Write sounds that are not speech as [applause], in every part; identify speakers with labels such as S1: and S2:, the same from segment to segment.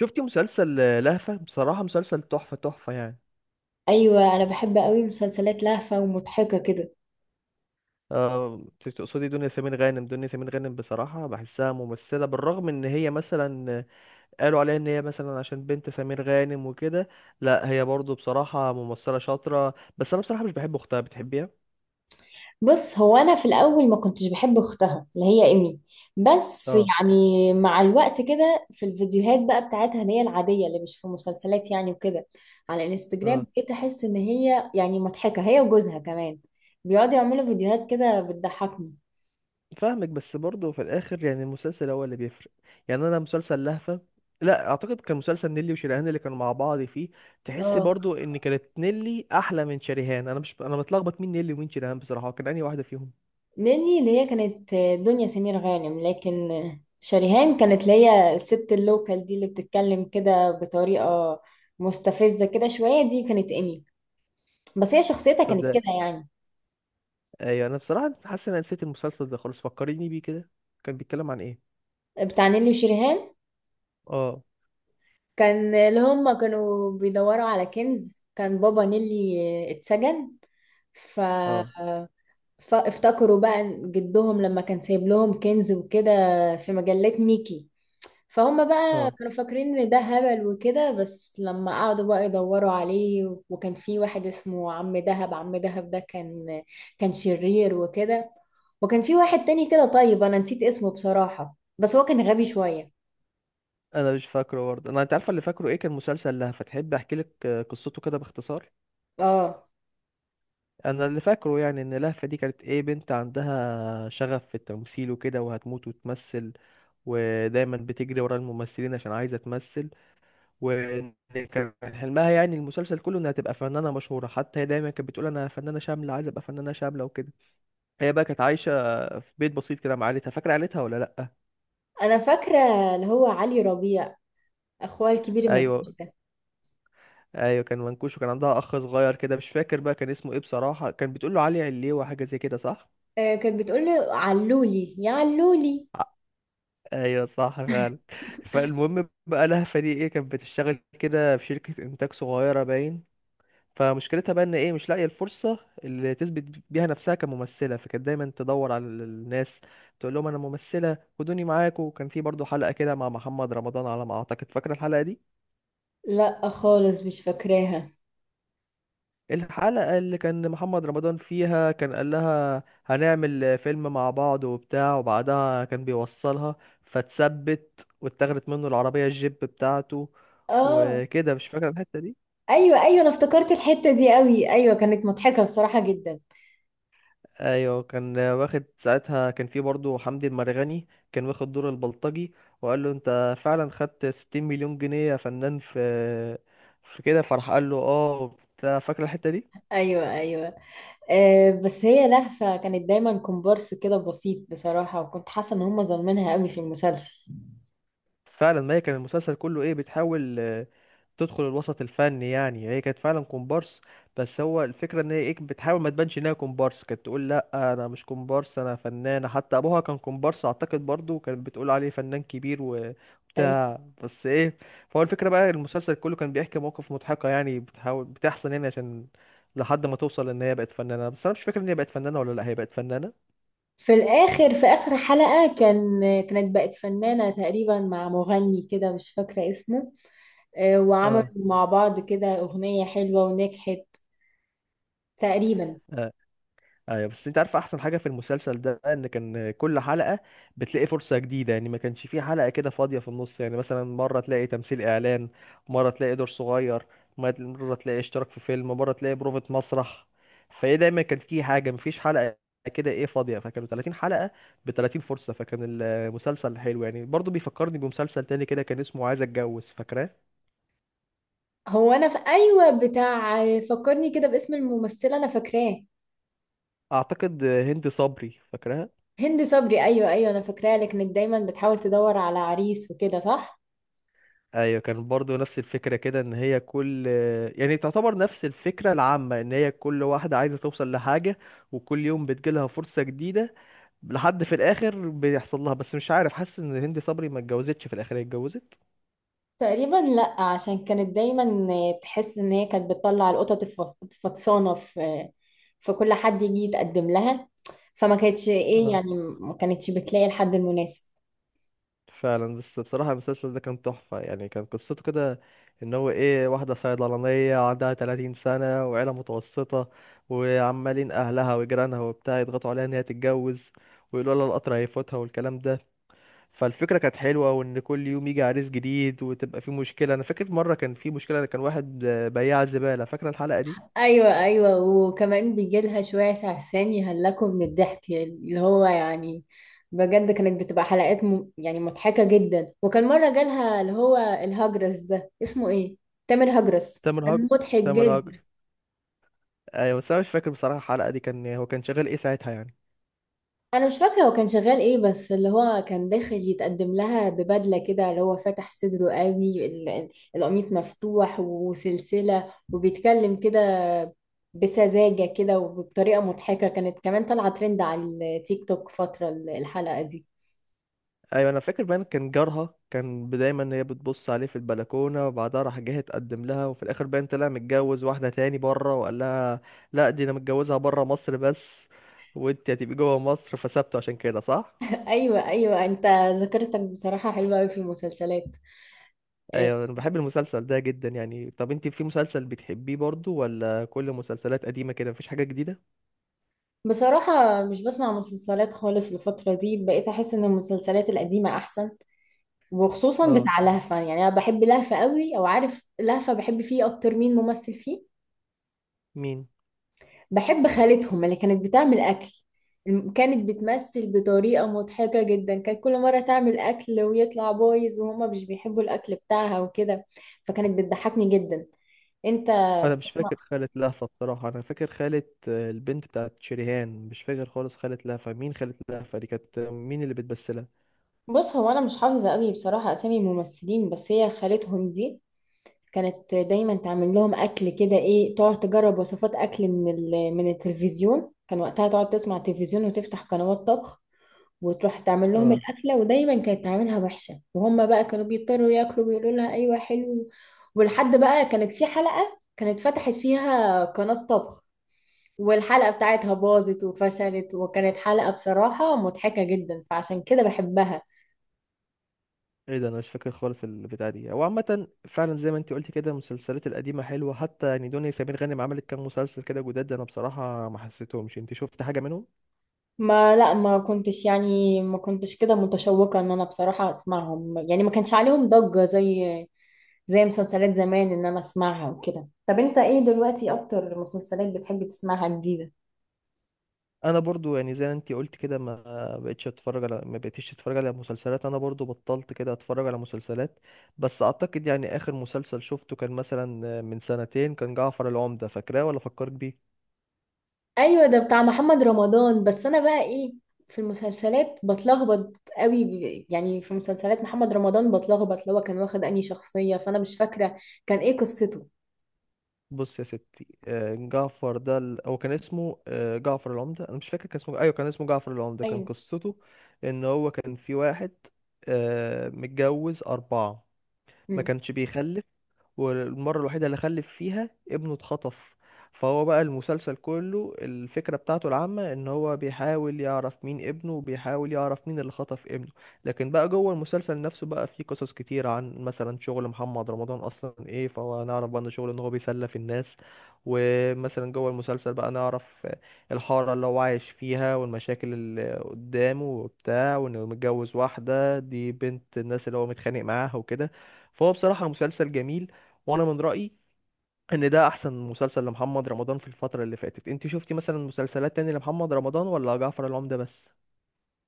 S1: شفتي مسلسل لهفة. بصراحة مسلسل تحفة يعني.
S2: ايوه، انا بحب قوي مسلسلات لهفه ومضحكه كده.
S1: آه. تقصدي دنيا سمير غانم. بصراحة بحسها ممثلة، بالرغم ان هي مثلا قالوا عليها ان هي مثلا عشان بنت سمير غانم وكده. لا هي برضو بصراحة ممثلة شاطرة، بس انا بصراحة مش بحب اختها. بتحبيها؟
S2: بص، هو انا في الاول ما كنتش بحب اختها اللي هي ايمي، بس
S1: اه.
S2: يعني مع الوقت كده في الفيديوهات بقى بتاعتها اللي هي العاديه اللي مش في مسلسلات يعني وكده، على انستجرام
S1: اه.
S2: بقيت احس ان هي يعني مضحكه، هي وجوزها كمان بيقعدوا يعملوا فيديوهات كده بتضحكني.
S1: فاهمك، بس برضه في الاخر يعني المسلسل هو اللي بيفرق. يعني انا مسلسل لهفة، لا اعتقد كان مسلسل نيلي وشريهان اللي كانوا مع بعض فيه. تحس
S2: اه،
S1: برضه ان كانت نيلي احلى من شريهان. انا مش انا متلخبط مين نيلي ومين شريهان، بصراحة كان انهي واحدة فيهم؟
S2: ناني اللي هي كانت دنيا سمير غانم، لكن شريهان كانت اللي هي الست اللوكال دي اللي بتتكلم كده بطريقة مستفزة كده شوية، دي كانت إيمي، بس هي شخصيتها كانت كده
S1: تصدق؟
S2: يعني.
S1: ايوه انا بصراحة حاسس ان انا نسيت المسلسل ده خالص، فكريني بيه كده. كان بيتكلم عن ايه؟
S2: بتاع نيلي وشريهان،
S1: اه.
S2: كان اللي هما كانوا بيدوروا على كنز، كان بابا نيلي اتسجن ف...
S1: اه.
S2: فافتكروا بقى جدهم لما كان سايب لهم كنز وكده في مجلة ميكي، فهم بقى
S1: اه.
S2: كانوا فاكرين ان ده هبل وكده، بس لما قعدوا بقى يدوروا عليه وكان في واحد اسمه عم دهب. عم دهب ده كان شرير وكده، وكان في واحد تاني كده، طيب انا نسيت اسمه بصراحة، بس هو كان غبي شوية.
S1: انا مش فاكره برضه. انا انت عارفة اللي فاكره ايه؟ كان مسلسل لهفة. تحب احكي لك قصته كده باختصار؟
S2: اه،
S1: انا اللي فاكره يعني ان لهفة دي كانت ايه، بنت عندها شغف في التمثيل وكده، وهتموت وتمثل، ودايما بتجري ورا الممثلين عشان عايزة تمثل. وكان حلمها يعني المسلسل كله انها تبقى فنانة مشهورة، حتى هي دايما كانت بتقول انا فنانة شاملة، عايزة ابقى فنانة شاملة وكده. هي بقى كانت عايشة في بيت بسيط كده مع عيلتها. فاكرة عيلتها ولا لا؟
S2: انا فاكرة اللي هو علي ربيع، اخويا الكبير
S1: ايوه،
S2: المنكوش ده.
S1: ايوه كان منكوش، وكان عندها اخ صغير كده، مش فاكر بقى كان اسمه ايه بصراحة، كان بتقول له علي، عليه، وحاجة زي كده، صح؟
S2: كانت بتقول له علولي يا علولي.
S1: ايوه صح فعلا. فالمهم بقى لهفه دي ايه، كانت بتشتغل كده في شركه انتاج صغيره باين. فمشكلتها بقى ان ايه، مش لاقيه الفرصه اللي تثبت بيها نفسها كممثله. فكانت دايما تدور على الناس، تقول لهم انا ممثله خدوني معاكم. وكان في برضو حلقه كده مع محمد رمضان على ما اعتقد. فاكره الحلقه دي؟
S2: لا خالص مش فاكراها.
S1: الحلقة اللي كان محمد رمضان فيها، كان قال لها هنعمل فيلم مع بعض وبتاع، وبعدها كان بيوصلها فتثبت، واتاخدت منه العربية الجيب بتاعته
S2: اه
S1: وكده. مش فاكر الحتة دي؟
S2: ايوه ايوه، انا افتكرت الحتة دي قوي، ايوه كانت مضحكة بصراحة جدا.
S1: ايوه كان واخد ساعتها، كان في برضه حمدي المرغني كان واخد دور البلطجي، وقال له انت فعلا خدت 60 مليون جنيه يا فنان في كده، فراح قال له اه وبتاع. فاكر الحتة دي؟
S2: ايوه ايوه، أه بس هي لهفة كانت دايما كومبارس كده بسيط بصراحة، وكنت حاسة ان هم ظالمينها قوي في المسلسل.
S1: فعلا، ما هي كان المسلسل كله ايه، بتحاول تدخل الوسط الفني. يعني هي كانت فعلا كومبارس، بس هو الفكرة ان هي ايه، بتحاول ما تبانش انها كومبارس، كانت تقول لا انا مش كومبارس انا فنانة، حتى ابوها كان كومبارس اعتقد، برضو كانت بتقول عليه فنان كبير
S2: أيوة.
S1: وبتاع بس ايه. فهو الفكرة بقى المسلسل كله كان بيحكي مواقف مضحكة يعني بتحاول، بتحصل يعني، عشان لحد ما توصل ان هي بقت فنانة. بس انا مش فاكر ان هي بقت فنانة ولا لا، هي بقت فنانة.
S2: في الاخر، في اخر حلقة كانت بقت فنانة تقريبا مع مغني كده مش فاكرة اسمه، أه وعملوا
S1: اه.
S2: مع بعض كده اغنية حلوة ونجحت تقريبا.
S1: آه. ايوه بس انت عارف احسن حاجه في المسلسل ده، ان كان كل حلقه بتلاقي فرصه جديده، يعني ما كانش فيه حلقه كده فاضيه في النص. يعني مثلا مره تلاقي تمثيل اعلان، مره تلاقي دور صغير، مره تلاقي اشتراك في فيلم، مره تلاقي بروفة مسرح. فايه دايما كان فيه حاجه، مفيش حلقه كده ايه فاضيه. فكانوا 30 حلقه ب 30 فرصه، فكان المسلسل حلو يعني. برضو بيفكرني بمسلسل تاني كده كان اسمه عايز اتجوز. فاكراه؟
S2: هو انا في ايوه بتاع، فكرني كده باسم الممثلة انا فاكراه.
S1: اعتقد هند صبري. فاكراه؟
S2: هند صبري، ايوه ايوه، انا فاكراه لكنك دايما بتحاول تدور على عريس وكده، صح؟
S1: ايوه كان برضو نفس الفكره كده، ان هي كل، يعني تعتبر نفس الفكره العامه ان هي كل واحده عايزه توصل لحاجه، وكل يوم بتجيلها فرصه جديده، لحد في الاخر بيحصل لها. بس مش عارف، حاسس ان هند صبري ما اتجوزتش في الاخر. هي اتجوزت؟
S2: تقريبا لا، عشان كانت دايما تحس ان هي كانت بتطلع القطط الفطسانه في كل حد يجي يتقدم لها، فما كانتش ايه
S1: اه.
S2: يعني، ما كانتش بتلاقي الحد المناسب.
S1: فعلا. بس بصراحه المسلسل ده كان تحفه يعني، كان قصته كده ان هو ايه، واحده صيدلانيه عندها 30 سنه، وعيله متوسطه، وعمالين اهلها وجيرانها وبتاع يضغطوا عليها ان هي تتجوز، ويقولوا لها القطر هيفوتها والكلام ده. فالفكرة كانت حلوة، وإن كل يوم يجي عريس جديد وتبقى في مشكلة. أنا فاكر مرة كان في مشكلة، كان واحد بياع زبالة. فاكرة الحلقة دي؟
S2: ايوه ايوه، وكمان بيجي لها شويه عرسان يهلكوا من الضحك، اللي هو يعني بجد كانت بتبقى حلقات يعني مضحكه جدا. وكان مره جالها اللي هو الهجرس ده، اسمه ايه؟ تامر هجرس.
S1: تامر
S2: كان
S1: هاجر
S2: مضحك
S1: تامر هاجر.
S2: جدا.
S1: أيوة بس أنا مش فاكر بصراحة الحلقة دي، كان هو كان شغال إيه ساعتها يعني؟
S2: انا مش فاكره هو كان شغال ايه، بس اللي هو كان داخل يتقدم لها ببدله كده اللي هو فاتح صدره قوي، القميص مفتوح وسلسله، وبيتكلم كده بسذاجه كده وبطريقه مضحكه. كانت كمان طالعه ترند على التيك توك فتره الحلقه دي.
S1: أيوة أنا فاكر بقى إن كان جارها، كان دايما هي بتبص عليه في البلكونة، وبعدها راح جه اتقدم لها، وفي الآخر باين طلع متجوز واحدة تاني بره، وقال لها لأ دي أنا متجوزها بره مصر بس، وأنت هتبقي جوه مصر، فسابته عشان كده، صح؟
S2: [laughs] ايوه ايوه، انت ذاكرتك بصراحه حلوه قوي في المسلسلات. آه،
S1: ايوه انا بحب المسلسل ده جدا يعني. طب انت في مسلسل بتحبيه برضو، ولا كل مسلسلات قديمة كده مفيش حاجة جديدة؟
S2: بصراحه مش بسمع مسلسلات خالص الفتره دي، بقيت احس ان المسلسلات القديمه احسن، وخصوصا
S1: اه.
S2: بتاع لهفة. يعني انا بحب لهفة قوي. او عارف لهفة بحب فيه اكتر مين ممثل فيه؟
S1: مين؟
S2: بحب خالتهم اللي كانت بتعمل اكل، كانت بتمثل بطريقة مضحكة جدا. كانت كل مرة تعمل اكل ويطلع بايظ وهما مش بيحبوا الاكل بتاعها وكده، فكانت بتضحكني جدا. انت
S1: انا مش
S2: اسمع،
S1: فاكر خالة لهفة بصراحة. انا فاكر خالة البنت بتاعت شريهان. مش فاكر خالص خالة لهفة مين. خالة لهفة دي كانت مين اللي بتمثلها؟
S2: بص هو انا مش حافظة قوي بصراحة اسامي الممثلين، بس هي خالتهم دي كانت دايما تعمل لهم اكل كده، ايه تقعد تجرب وصفات اكل من التلفزيون، كان وقتها تقعد تسمع التلفزيون وتفتح قنوات طبخ وتروح تعمل لهم
S1: اه.
S2: الاكله، ودايما كانت تعملها وحشه وهم بقى كانوا بيضطروا ياكلوا ويقولوا لها ايوه حلو. ولحد بقى كانت في حلقه كانت فتحت فيها قناه طبخ، والحلقه بتاعتها باظت وفشلت، وكانت حلقه بصراحه مضحكه جدا، فعشان كده بحبها.
S1: ايه ده، انا مش فاكر خالص البتاع دي. هو عامة فعلا زي ما انت قلت كده، المسلسلات القديمة حلوة. حتى يعني دنيا سمير غانم عملت كام مسلسل كده جداد، انا بصراحة ما حسيتهمش. انت شفت حاجة منهم؟
S2: ما لا، ما كنتش كده متشوقة ان انا بصراحة اسمعهم، يعني ما كانش عليهم ضجة زي مسلسلات زمان ان انا اسمعها وكده. طب انت ايه دلوقتي اكتر مسلسلات بتحب تسمعها جديدة؟
S1: انا برضو يعني زي ما انتي قلت كده، ما بقتش اتفرج على مسلسلات. انا برضو بطلت كده اتفرج على مسلسلات. بس اعتقد يعني اخر مسلسل شفته كان مثلا من سنتين، كان جعفر العمدة. فاكراه ولا فكرك بيه؟
S2: ايوه ده بتاع محمد رمضان. بس انا بقى ايه في المسلسلات بتلخبط قوي، يعني في مسلسلات محمد رمضان بتلخبط اللي هو كان واخد انهي شخصية، فانا مش فاكرة كان ايه قصته.
S1: بص يا ستي، جعفر ده هو كان اسمه جعفر العمدة. انا مش فاكر كان اسمه، ايوه كان اسمه جعفر العمدة. كان
S2: ايوه.
S1: قصته ان هو كان في واحد متجوز اربعة، ما
S2: مم.
S1: كانش بيخلف، والمرة الوحيدة اللي خلف فيها ابنه اتخطف. فهو بقى المسلسل كله الفكرة بتاعته العامة ان هو بيحاول يعرف مين ابنه، وبيحاول يعرف مين اللي خطف ابنه. لكن بقى جوه المسلسل نفسه بقى فيه قصص كتير، عن مثلا شغل محمد رمضان اصلا ايه، فهو نعرف بقى ان شغله ان هو بيسلف الناس. ومثلا جوه المسلسل بقى نعرف الحارة اللي هو عايش فيها، والمشاكل اللي قدامه وبتاع، وانه متجوز واحدة دي بنت الناس اللي هو متخانق معاها وكده. فهو بصراحة مسلسل جميل، وانا من رأيي ان ده احسن مسلسل لمحمد رمضان في الفترة اللي فاتت. انت شفتي مثلا مسلسلات تاني لمحمد رمضان، ولا جعفر العمدة بس؟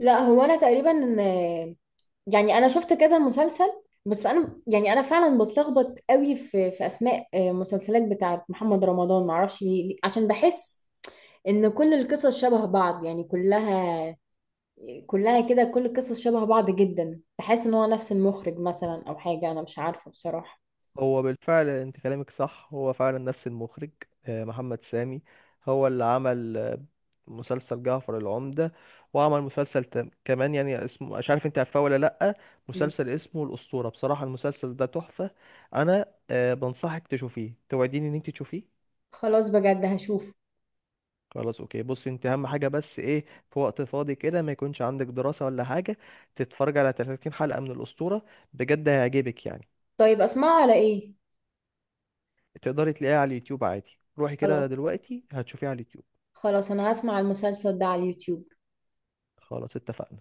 S2: لا هو انا تقريبا يعني انا شفت كذا مسلسل، بس انا يعني انا فعلا بتلخبط قوي في اسماء مسلسلات بتاعه محمد رمضان، معرفش ليه، عشان بحس ان كل القصص شبه بعض، يعني كلها كده كل القصص شبه بعض جدا، تحس ان هو نفس المخرج مثلا او حاجه، انا مش عارفه بصراحه.
S1: هو بالفعل انت كلامك صح، هو فعلا نفس المخرج، محمد سامي. هو اللي عمل مسلسل جعفر العمدة، وعمل مسلسل كمان يعني، اسمه مش عارف انت عارفاه ولا لأ،
S2: مم.
S1: مسلسل اسمه الأسطورة. بصراحة المسلسل ده تحفة. انا بنصحك تشوفيه. توعديني ان انت تشوفيه؟
S2: خلاص بجد هشوف.
S1: خلاص اوكي. بص انت اهم حاجه بس ايه، في وقت فاضي كده ما يكونش عندك دراسه ولا حاجه، تتفرج على 30 حلقه من الاسطوره، بجد هيعجبك يعني.
S2: طيب اسمعه على ايه؟
S1: تقدري تلاقيها على اليوتيوب عادي، روحي كده
S2: خلاص
S1: دلوقتي هتشوفيها على اليوتيوب.
S2: خلاص، انا هسمع المسلسل ده على اليوتيوب
S1: خلاص اتفقنا.